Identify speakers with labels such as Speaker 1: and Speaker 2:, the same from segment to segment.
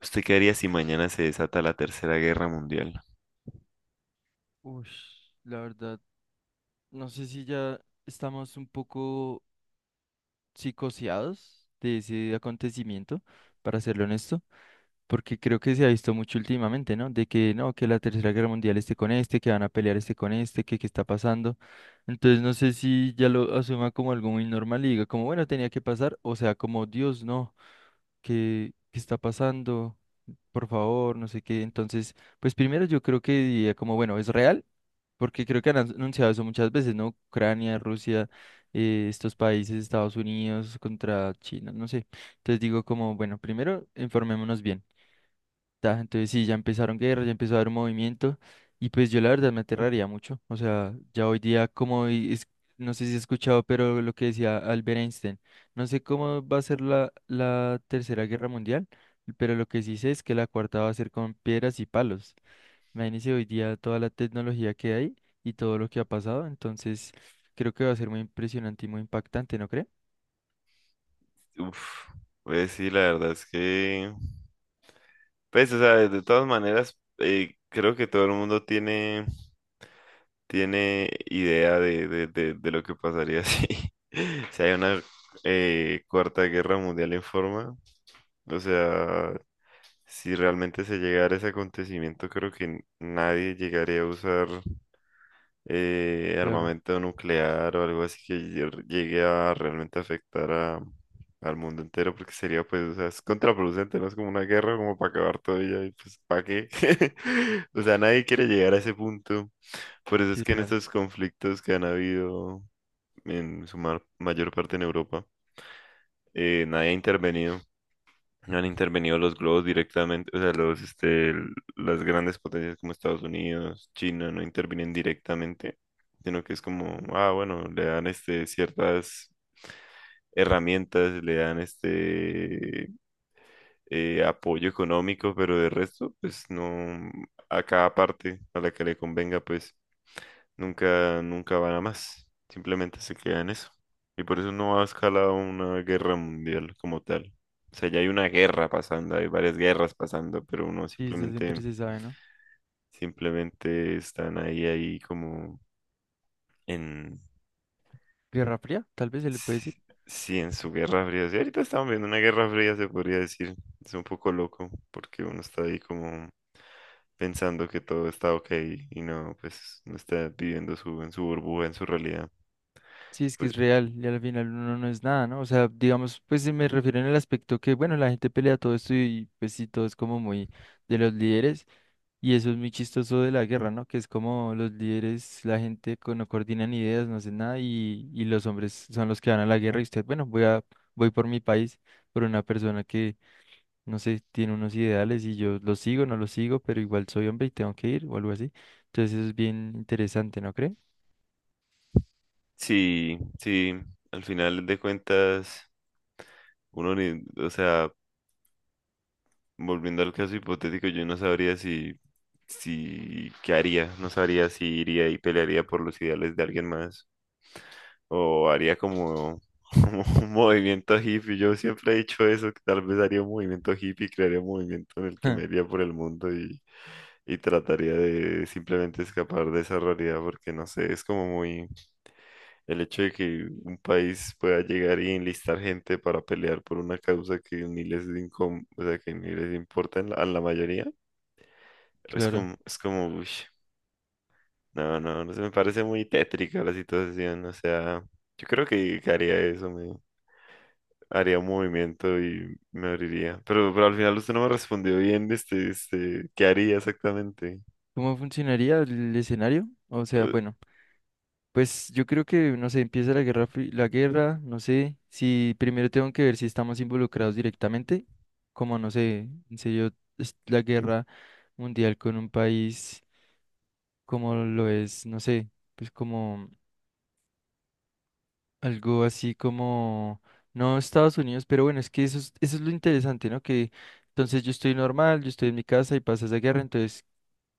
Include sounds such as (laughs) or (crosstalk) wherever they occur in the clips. Speaker 1: ¿Usted qué haría si mañana se desata la Tercera Guerra Mundial?
Speaker 2: Ush, la verdad, no sé si ya estamos un poco psicoseados de ese acontecimiento, para serlo honesto, porque creo que se ha visto mucho últimamente, ¿no? De que no, que la Tercera Guerra Mundial esté con este, que van a pelear este con este, que qué está pasando. Entonces no sé si ya lo asuma como algo muy normal y diga como, bueno, tenía que pasar, o sea, como Dios, no. ¿Qué está pasando? Por favor, no sé qué. Entonces, pues primero yo creo que diría como, bueno, ¿es real? Porque creo que han anunciado eso muchas veces, ¿no? Ucrania, Rusia, estos países, Estados Unidos contra China, no sé. Entonces digo como, bueno, primero informémonos bien. Ta, entonces sí, ya empezaron guerras, ya empezó a haber movimiento y pues yo la verdad me aterraría mucho. O sea, ya hoy día como, no sé si has escuchado, pero lo que decía Albert Einstein, no sé cómo va a ser la tercera guerra mundial, pero lo que sí sé es que la cuarta va a ser con piedras y palos. Imagínense hoy día toda la tecnología que hay y todo lo que ha pasado, entonces creo que va a ser muy impresionante y muy impactante, ¿no cree?
Speaker 1: Uf, pues sí, la verdad es que, pues, o sea, de todas maneras, creo que todo el mundo tiene idea de lo que pasaría si, (laughs) si hay una Cuarta Guerra Mundial en forma. O sea, si realmente se llegara ese acontecimiento, creo que nadie llegaría a usar
Speaker 2: Claro,
Speaker 1: armamento nuclear o algo así que llegue a realmente afectar al mundo entero, porque sería pues, o sea, es contraproducente, ¿no? Es como una guerra como para acabar todo y ya, y pues, ¿para qué? (laughs) O sea, nadie quiere llegar a ese punto. Por eso
Speaker 2: sí,
Speaker 1: es
Speaker 2: es
Speaker 1: que en
Speaker 2: real.
Speaker 1: estos conflictos que han habido en su mayor parte en Europa, nadie ha intervenido. No han intervenido los globos directamente, o sea, los, este, las grandes potencias como Estados Unidos, China, no intervienen directamente, sino que es como, ah, bueno, le dan este, ciertas herramientas, le dan este apoyo económico, pero de resto, pues no, a cada parte a la que le convenga, pues. Nunca, nunca van a más. Simplemente se queda en eso. Y por eso no ha escalado una guerra mundial como tal. O sea, ya hay una guerra pasando, hay varias guerras pasando, pero uno
Speaker 2: Sí, eso
Speaker 1: simplemente,
Speaker 2: siempre se sabe, ¿no?
Speaker 1: simplemente están ahí, como en,
Speaker 2: Guerra Fría, tal vez se le puede
Speaker 1: sí,
Speaker 2: decir.
Speaker 1: sí, en su guerra fría. Sí, ahorita estamos viendo una guerra fría, se podría decir. Es un poco loco, porque uno está ahí como pensando que todo está ok y no, pues no está viviendo su, en su burbuja, en su realidad.
Speaker 2: Sí, es que
Speaker 1: Pues,
Speaker 2: es real y al final uno no es nada, ¿no? O sea, digamos, pues se me refiero en el aspecto que, bueno, la gente pelea todo esto y pues sí, todo es como muy de los líderes y eso es muy chistoso de la guerra, ¿no? Que es como los líderes, no coordinan ideas, no hacen nada y los hombres son los que van a la guerra y usted, bueno, voy a, voy por mi país, por una persona que, no sé, tiene unos ideales y yo los sigo, no los sigo, pero igual soy hombre y tengo que ir o algo así. Entonces eso es bien interesante, ¿no cree?
Speaker 1: sí, sí, al final de cuentas, uno ni, o sea, volviendo al caso hipotético, yo no sabría si, qué haría, no sabría si iría y pelearía por los ideales de alguien más, o haría como, como (laughs) un movimiento hippie. Yo siempre he dicho eso, que tal vez haría un movimiento hippie, crearía un movimiento en el que me iría
Speaker 2: (laughs)
Speaker 1: por el mundo y trataría de simplemente escapar de esa realidad, porque no sé, es como muy... El hecho de que un país pueda llegar y enlistar gente para pelear por una causa que ni les, o sea, que ni les importa en a la mayoría, es
Speaker 2: Claro.
Speaker 1: como, uy, no, no, no se me parece muy tétrica la situación. O sea, yo creo que, haría eso, me haría un movimiento y me abriría. Pero al final usted no me respondió bien, este, ¿qué haría exactamente?
Speaker 2: ¿Cómo funcionaría el escenario? O sea,
Speaker 1: Eh,
Speaker 2: bueno, pues yo creo que, no sé, empieza la guerra, la guerra, no sé, si primero tengo que ver si estamos involucrados directamente, como, no sé, en serio, es la guerra mundial con un país como lo es, no sé, pues como algo así como, no Estados Unidos, pero bueno, es que eso es lo interesante, ¿no? Que entonces yo estoy normal, yo estoy en mi casa y pasa esa guerra, entonces...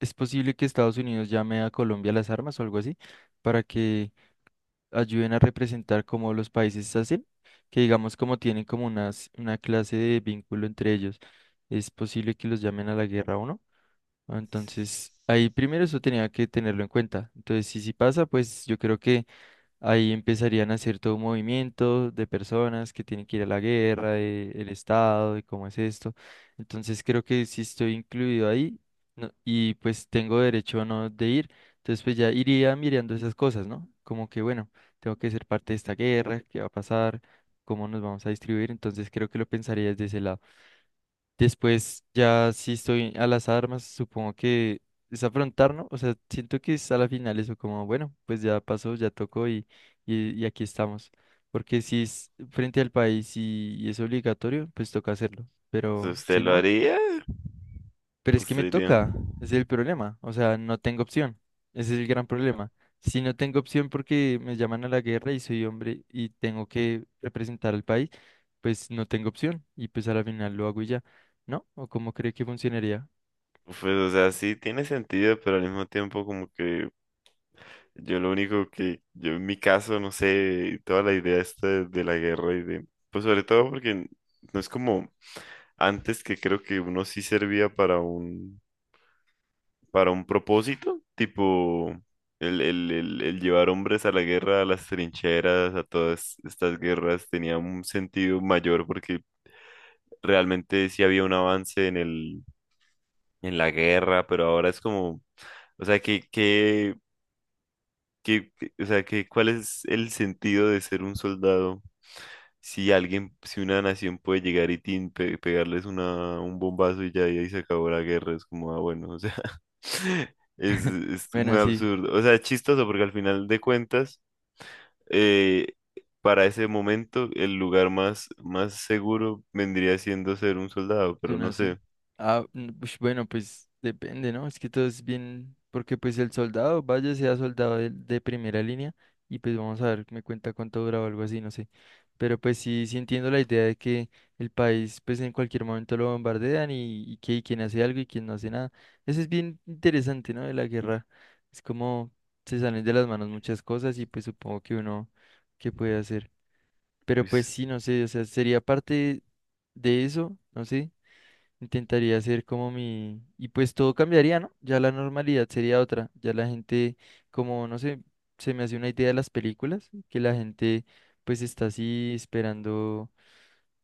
Speaker 2: ¿Es posible que Estados Unidos llame a Colombia las armas o algo así para que ayuden a representar como los países hacen? Que digamos como tienen como unas, una clase de vínculo entre ellos. ¿Es posible que los llamen a la guerra o no? Entonces, ahí primero eso tenía que tenerlo en cuenta. Entonces, si sí pasa, pues yo creo que ahí empezarían a hacer todo un movimiento de personas que tienen que ir a la guerra, de el Estado, de cómo es esto. Entonces creo que si estoy incluido ahí y pues tengo derecho o no de ir. Entonces pues ya iría mirando esas cosas, ¿no? Como que bueno, tengo que ser parte de esta guerra, qué va a pasar, cómo nos vamos a distribuir. Entonces creo que lo pensaría desde ese lado. Después, ya si estoy a las armas, supongo que es afrontar, ¿no? O sea, siento que es a la final eso como, bueno, pues ya pasó, ya tocó y aquí estamos. Porque si es frente al país y es obligatorio, pues toca hacerlo. Pero
Speaker 1: ¿Usted
Speaker 2: si
Speaker 1: lo
Speaker 2: no...
Speaker 1: haría?
Speaker 2: Pero es que
Speaker 1: ¿Usted
Speaker 2: me
Speaker 1: diría?
Speaker 2: toca, ese es el problema, o sea, no tengo opción, ese es el gran problema. Si no tengo opción porque me llaman a la guerra y soy hombre y tengo que representar al país, pues no tengo opción y pues a la final lo hago y ya, ¿no? ¿O cómo cree que funcionaría?
Speaker 1: Pues, o sea, sí tiene sentido, pero al mismo tiempo como que yo lo único que, yo en mi caso, no sé, toda la idea esta de, la guerra y de, pues sobre todo porque no es como antes, que creo que uno sí servía para un, propósito, tipo el llevar hombres a la guerra, a las trincheras, a todas estas guerras, tenía un sentido mayor porque realmente sí había un avance en la guerra, pero ahora es como, o sea, que... ¿ Cuál es el sentido de ser un soldado si si una nación puede llegar y tin, pegarles un bombazo, y ya y ahí se acabó la guerra? Es como, ah, bueno, o sea, (laughs) es muy
Speaker 2: Bueno, sí.
Speaker 1: absurdo. O sea, es chistoso porque al final de cuentas, eh, para ese momento, el lugar más, más seguro vendría siendo ser un soldado, pero
Speaker 2: Suena
Speaker 1: no
Speaker 2: así.
Speaker 1: sé.
Speaker 2: Ah, mm, ush, bueno, pues depende, ¿no? Es que todo es bien, porque pues el soldado, vaya, sea soldado de primera línea, y pues vamos a ver, me cuenta cuánto dura o algo así, no sé. Pero pues sí, sí entiendo la idea de que el país pues en cualquier momento lo bombardean y que y quien hace algo y quien no hace nada. Eso es bien interesante, ¿no? De la guerra. Es como se salen de las manos muchas cosas y pues supongo que uno, ¿qué puede hacer? Pero pues
Speaker 1: Luis,
Speaker 2: sí, no sé, o sea, sería parte de eso, no sé, intentaría hacer como mi... Y pues todo cambiaría, ¿no? Ya la normalidad sería otra. Ya la gente, como, no sé, se me hace una idea de las películas, que la gente pues está así esperando,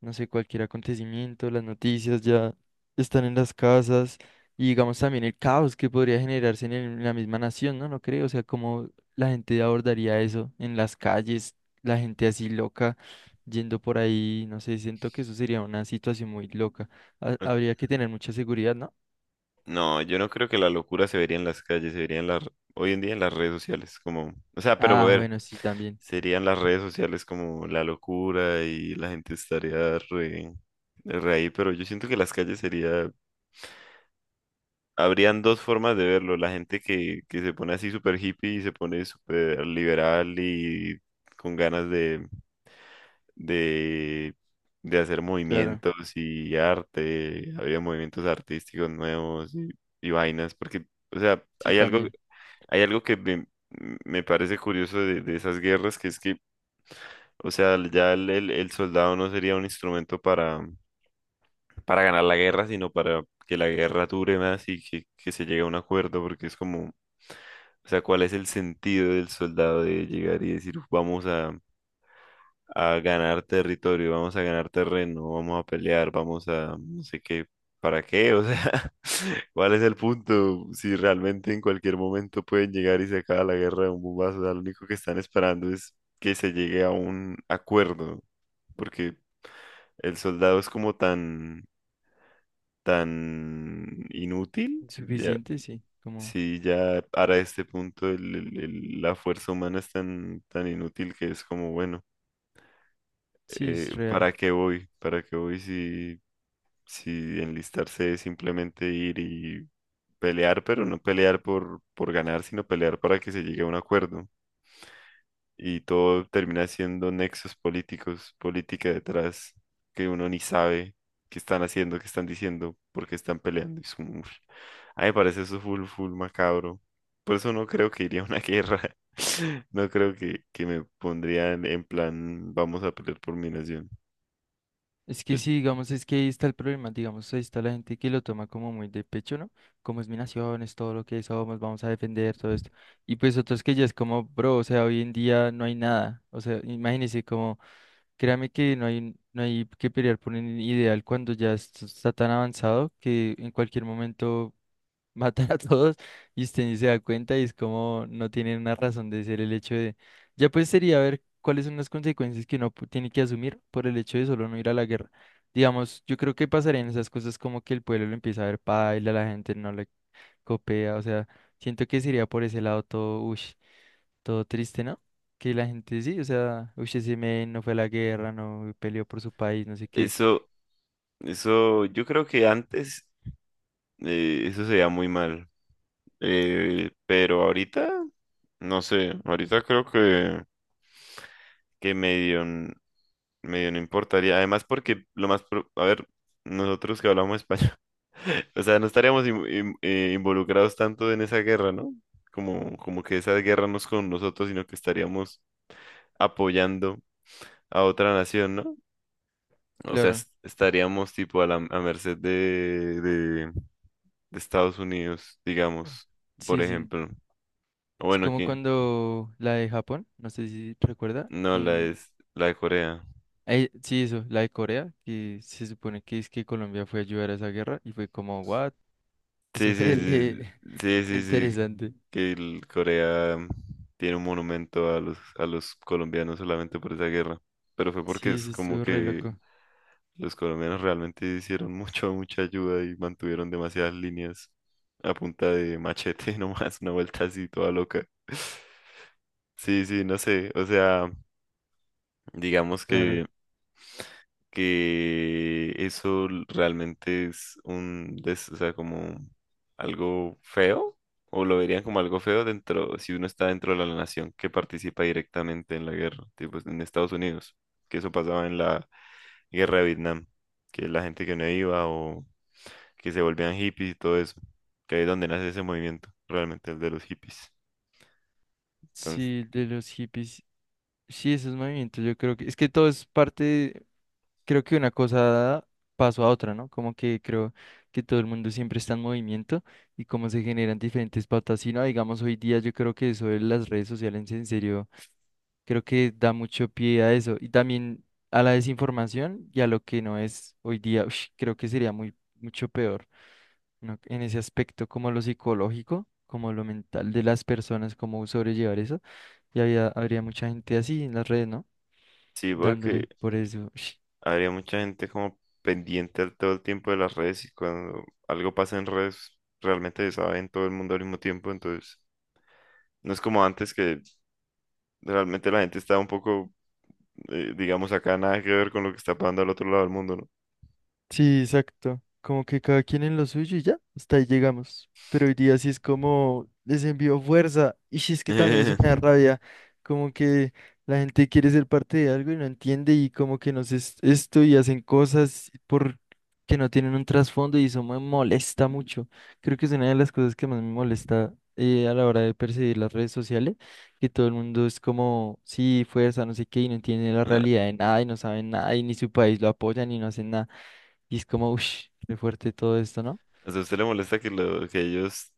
Speaker 2: no sé, cualquier acontecimiento, las noticias ya están en las casas y digamos también el caos que podría generarse en, en la misma nación, ¿no? No creo, o sea, como la gente abordaría eso en las calles, la gente así loca, yendo por ahí, no sé, siento que eso sería una situación muy loca. Habría que tener mucha seguridad, ¿no?
Speaker 1: no, yo no creo que la locura se vería en las calles, se vería en hoy en día en las redes sociales, como, o sea, pero a
Speaker 2: Ah,
Speaker 1: ver,
Speaker 2: bueno, sí, también.
Speaker 1: serían las redes sociales como la locura y la gente estaría re ahí, pero yo siento que las calles habrían dos formas de verlo: la gente que se pone así súper hippie y se pone súper liberal y con ganas de de, de hacer
Speaker 2: Claro,
Speaker 1: movimientos y arte, había movimientos artísticos nuevos y vainas, porque, o sea,
Speaker 2: sí,
Speaker 1: hay algo,
Speaker 2: también.
Speaker 1: hay algo que me parece curioso de esas guerras. Que es que, o sea, ya el soldado no sería un instrumento para, ganar la guerra, sino para que la guerra dure más y que se llegue a un acuerdo, porque es como... O sea, ¿cuál es el sentido del soldado de llegar y decir, vamos a ganar territorio, vamos a ganar terreno, vamos a pelear, vamos a no sé qué, ¿para qué? O sea, (laughs) ¿cuál es el punto? Si realmente en cualquier momento pueden llegar y se acaba la guerra de un bombazo, o sea, lo único que están esperando es que se llegue a un acuerdo, porque el soldado es como tan, tan inútil, ya,
Speaker 2: Suficiente, sí, como,
Speaker 1: si ya para este punto la fuerza humana es tan, tan inútil que es como, bueno.
Speaker 2: sí, es real.
Speaker 1: ¿Para qué voy? ¿Para qué voy si, si enlistarse es simplemente ir y pelear, pero no pelear por, ganar, sino pelear para que se llegue a un acuerdo? Y todo termina siendo nexos políticos, política detrás, que uno ni sabe qué están haciendo, qué están diciendo, por qué están peleando. Y es uf. A mí me parece eso full, full macabro. Por eso no creo que iría a una guerra. (laughs) No creo que, me pondrían en plan, vamos a pelear por mi nación.
Speaker 2: Es que sí, digamos, es que ahí está el problema, digamos, ahí está la gente que lo toma como muy de pecho, ¿no? Como es mi nación, es todo lo que somos, vamos a defender todo esto. Y pues otros que ya es como, bro, o sea, hoy en día no hay nada. O sea, imagínense como, créame que no hay que pelear por un ideal cuando ya esto está tan avanzado que en cualquier momento matan a todos y usted ni se da cuenta y es como no tienen una razón de ser el hecho de... Ya pues sería ver cuáles son las consecuencias que tiene que asumir por el hecho de solo no ir a la guerra. Digamos, yo creo que pasarían esas cosas como que el pueblo lo empieza a ver paila, la gente no le copea, o sea, siento que sería por ese lado todo, ush, todo triste, ¿no? Que la gente sí, o sea, ush, ese men no fue a la guerra, no peleó por su país, no sé qué.
Speaker 1: Eso, eso, yo creo que antes eso se veía muy mal, pero ahorita, no sé, ahorita creo que, medio, medio no importaría, además porque a ver, nosotros que hablamos español, (laughs) o sea, no estaríamos involucrados tanto en esa guerra, ¿no? Como que esa guerra no es con nosotros, sino que estaríamos apoyando a otra nación, ¿no? O sea,
Speaker 2: Claro.
Speaker 1: estaríamos tipo a la a merced de Estados Unidos,
Speaker 2: Oh.
Speaker 1: digamos, por
Speaker 2: Sí, sí,
Speaker 1: ejemplo. O
Speaker 2: es
Speaker 1: bueno,
Speaker 2: como
Speaker 1: que
Speaker 2: cuando la de Japón, no sé si recuerda,
Speaker 1: no, la es la de Corea.
Speaker 2: sí, eso, la de Corea, que se supone que es que Colombia fue a ayudar a esa guerra y fue como, what? (laughs)
Speaker 1: Sí,
Speaker 2: Eso fue
Speaker 1: sí, sí, sí,
Speaker 2: (laughs)
Speaker 1: sí, sí,
Speaker 2: interesante.
Speaker 1: que el Corea tiene un monumento a los, colombianos solamente por esa guerra. Pero fue porque
Speaker 2: Sí,
Speaker 1: es
Speaker 2: eso
Speaker 1: como
Speaker 2: estuvo re
Speaker 1: que
Speaker 2: loco,
Speaker 1: los colombianos realmente hicieron (laughs) mucha ayuda y mantuvieron demasiadas líneas a punta de machete (laughs) nomás, una vuelta así toda loca. (laughs) Sí, sí, no sé, o sea, digamos
Speaker 2: claro.
Speaker 1: que eso realmente es o sea, como algo feo, o lo verían como algo feo dentro, si uno está dentro de la nación que participa directamente en la guerra, tipo en Estados Unidos, que eso pasaba en la guerra de Vietnam, que la gente que no iba o que se volvían hippies y todo eso, que ahí es donde nace ese movimiento, realmente el de los hippies. Entonces,
Speaker 2: Sí, de los hippies, sí, esos movimientos, yo creo que, es que todo es parte, creo que una cosa dada pasó a otra, ¿no? Como que creo que todo el mundo siempre está en movimiento y cómo se generan diferentes pautas. Si no, digamos, hoy día yo creo que eso de las redes sociales en serio creo que da mucho pie a eso y también a la desinformación y a lo que no es hoy día. Ush, creo que sería muy, mucho peor, ¿no? En ese aspecto, como lo psicológico, como lo mental de las personas, cómo sobrellevar eso. Y habría mucha gente así en las redes, ¿no?
Speaker 1: sí, porque
Speaker 2: Dándole por eso.
Speaker 1: habría mucha gente como pendiente todo el tiempo de las redes, y cuando algo pasa en redes realmente se sabe en todo el mundo al mismo tiempo, entonces no es como antes, que realmente la gente está un poco, digamos acá, nada que ver con lo que está pasando al otro lado del mundo, ¿no?
Speaker 2: Sí, exacto. Como que cada quien en lo suyo y ya, hasta ahí llegamos. Pero hoy día sí es como les envío fuerza. Y sí es que también eso me da
Speaker 1: (laughs)
Speaker 2: rabia. Como que la gente quiere ser parte de algo y no entiende y como que nos es esto y hacen cosas por que no tienen un trasfondo y eso me molesta mucho. Creo que es una de las cosas que más me molesta a la hora de percibir las redes sociales, que todo el mundo es como, sí, fuerza, no sé qué, y no entiende la
Speaker 1: Ah,
Speaker 2: realidad de nada y no saben nada y ni su país lo apoya ni no hacen nada. Y es como, uff, qué fuerte todo esto, ¿no?
Speaker 1: o sea, ¿a usted le molesta que, lo, que ellos,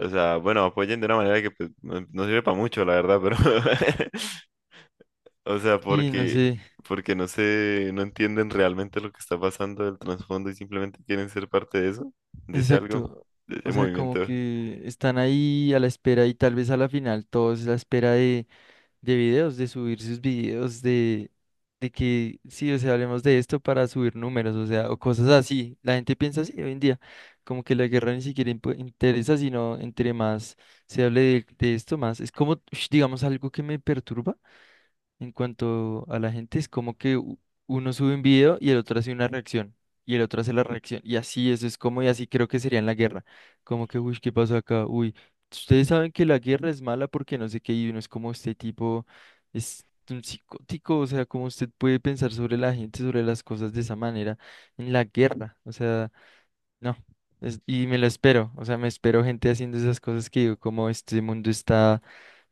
Speaker 1: o sea, bueno, apoyen de una manera que pues, no sirve para mucho, la verdad, pero (laughs) o sea,
Speaker 2: Sí, no
Speaker 1: porque,
Speaker 2: sé,
Speaker 1: porque no sé, no entienden realmente lo que está pasando del trasfondo y simplemente quieren ser parte de eso, de ese algo,
Speaker 2: exacto.
Speaker 1: de
Speaker 2: O
Speaker 1: ese
Speaker 2: sea, como
Speaker 1: movimiento.
Speaker 2: que están ahí a la espera y tal vez a la final todos a la espera de videos, de subir sus videos, de que sí, o sea, hablemos de esto para subir números, o sea, o cosas así. La gente piensa así hoy en día, como que la guerra ni siquiera interesa, sino entre más se hable de esto, más. Es como, ush, digamos, algo que me perturba. En cuanto a la gente, es como que uno sube un video y el otro hace una reacción y el otro hace la reacción. Y así, eso es como, y así creo que sería en la guerra. Como que, uy, ¿qué pasa acá? Uy, ustedes saben que la guerra es mala porque no sé qué, y uno es como este tipo, es un psicótico, o sea, cómo usted puede pensar sobre la gente, sobre las cosas de esa manera en la guerra. O sea. No, y me lo espero, o sea, me espero gente haciendo esas cosas que digo, como este mundo está,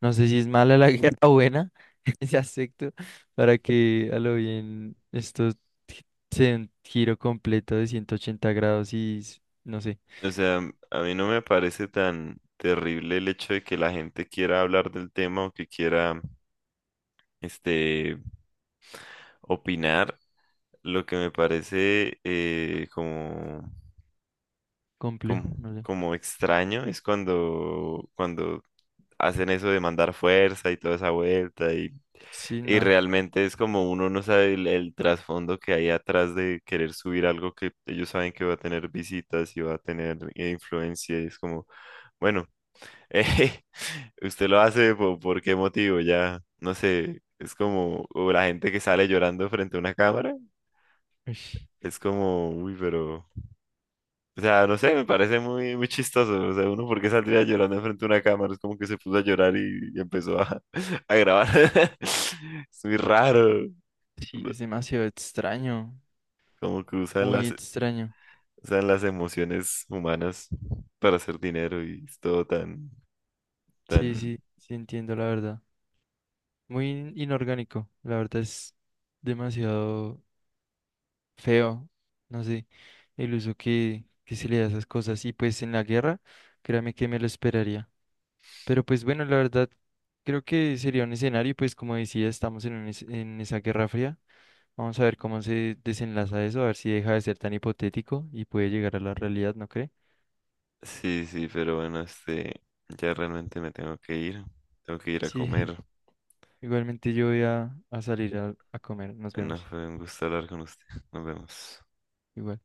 Speaker 2: no sé si es mala la (laughs) guerra o buena, (laughs) ese aspecto, para que a lo bien esto gi- sea un giro completo de 180 grados y, no sé,
Speaker 1: O sea, a mí no me parece tan terrible el hecho de que la gente quiera hablar del tema o que quiera, este, opinar. Lo que me parece como, como,
Speaker 2: complejo, no sé.
Speaker 1: extraño es cuando, hacen eso de mandar fuerza y toda esa vuelta. y
Speaker 2: Sí,
Speaker 1: Y
Speaker 2: no,
Speaker 1: realmente es como uno no sabe el trasfondo que hay atrás de querer subir algo que ellos saben que va a tener visitas y va a tener influencia. Y es como, bueno, (laughs) eh, usted lo hace por qué motivo, ya no sé. Es como o la gente que sale llorando frente a una cámara. Es como, uy, pero, o sea, no sé, me parece muy, muy chistoso. O sea, uno, ¿por qué saldría llorando frente a una cámara? Es como que se puso a llorar y empezó a, (laughs) a grabar. (laughs) Es muy raro.
Speaker 2: sí, es demasiado extraño,
Speaker 1: Como que usan
Speaker 2: muy
Speaker 1: las,
Speaker 2: extraño.
Speaker 1: usan las emociones humanas para hacer dinero y es todo tan,
Speaker 2: Sí,
Speaker 1: tan...
Speaker 2: sí, sí entiendo la verdad. Muy inorgánico, la verdad es demasiado feo, no sé, el uso que se le da a esas cosas. Y pues en la guerra, créame que me lo esperaría. Pero pues bueno, la verdad, creo que sería un escenario, y, pues como decía, estamos en, en esa guerra fría. Vamos a ver cómo se desenlaza eso, a ver si deja de ser tan hipotético y puede llegar a la realidad, ¿no cree?
Speaker 1: Sí, sí, pero bueno, este, ya realmente me tengo que ir. Tengo que ir a
Speaker 2: Sí,
Speaker 1: comer.
Speaker 2: (laughs) igualmente yo voy a salir a comer, nos
Speaker 1: No,
Speaker 2: vemos.
Speaker 1: fue un gusto hablar con usted. Nos vemos.
Speaker 2: Igual.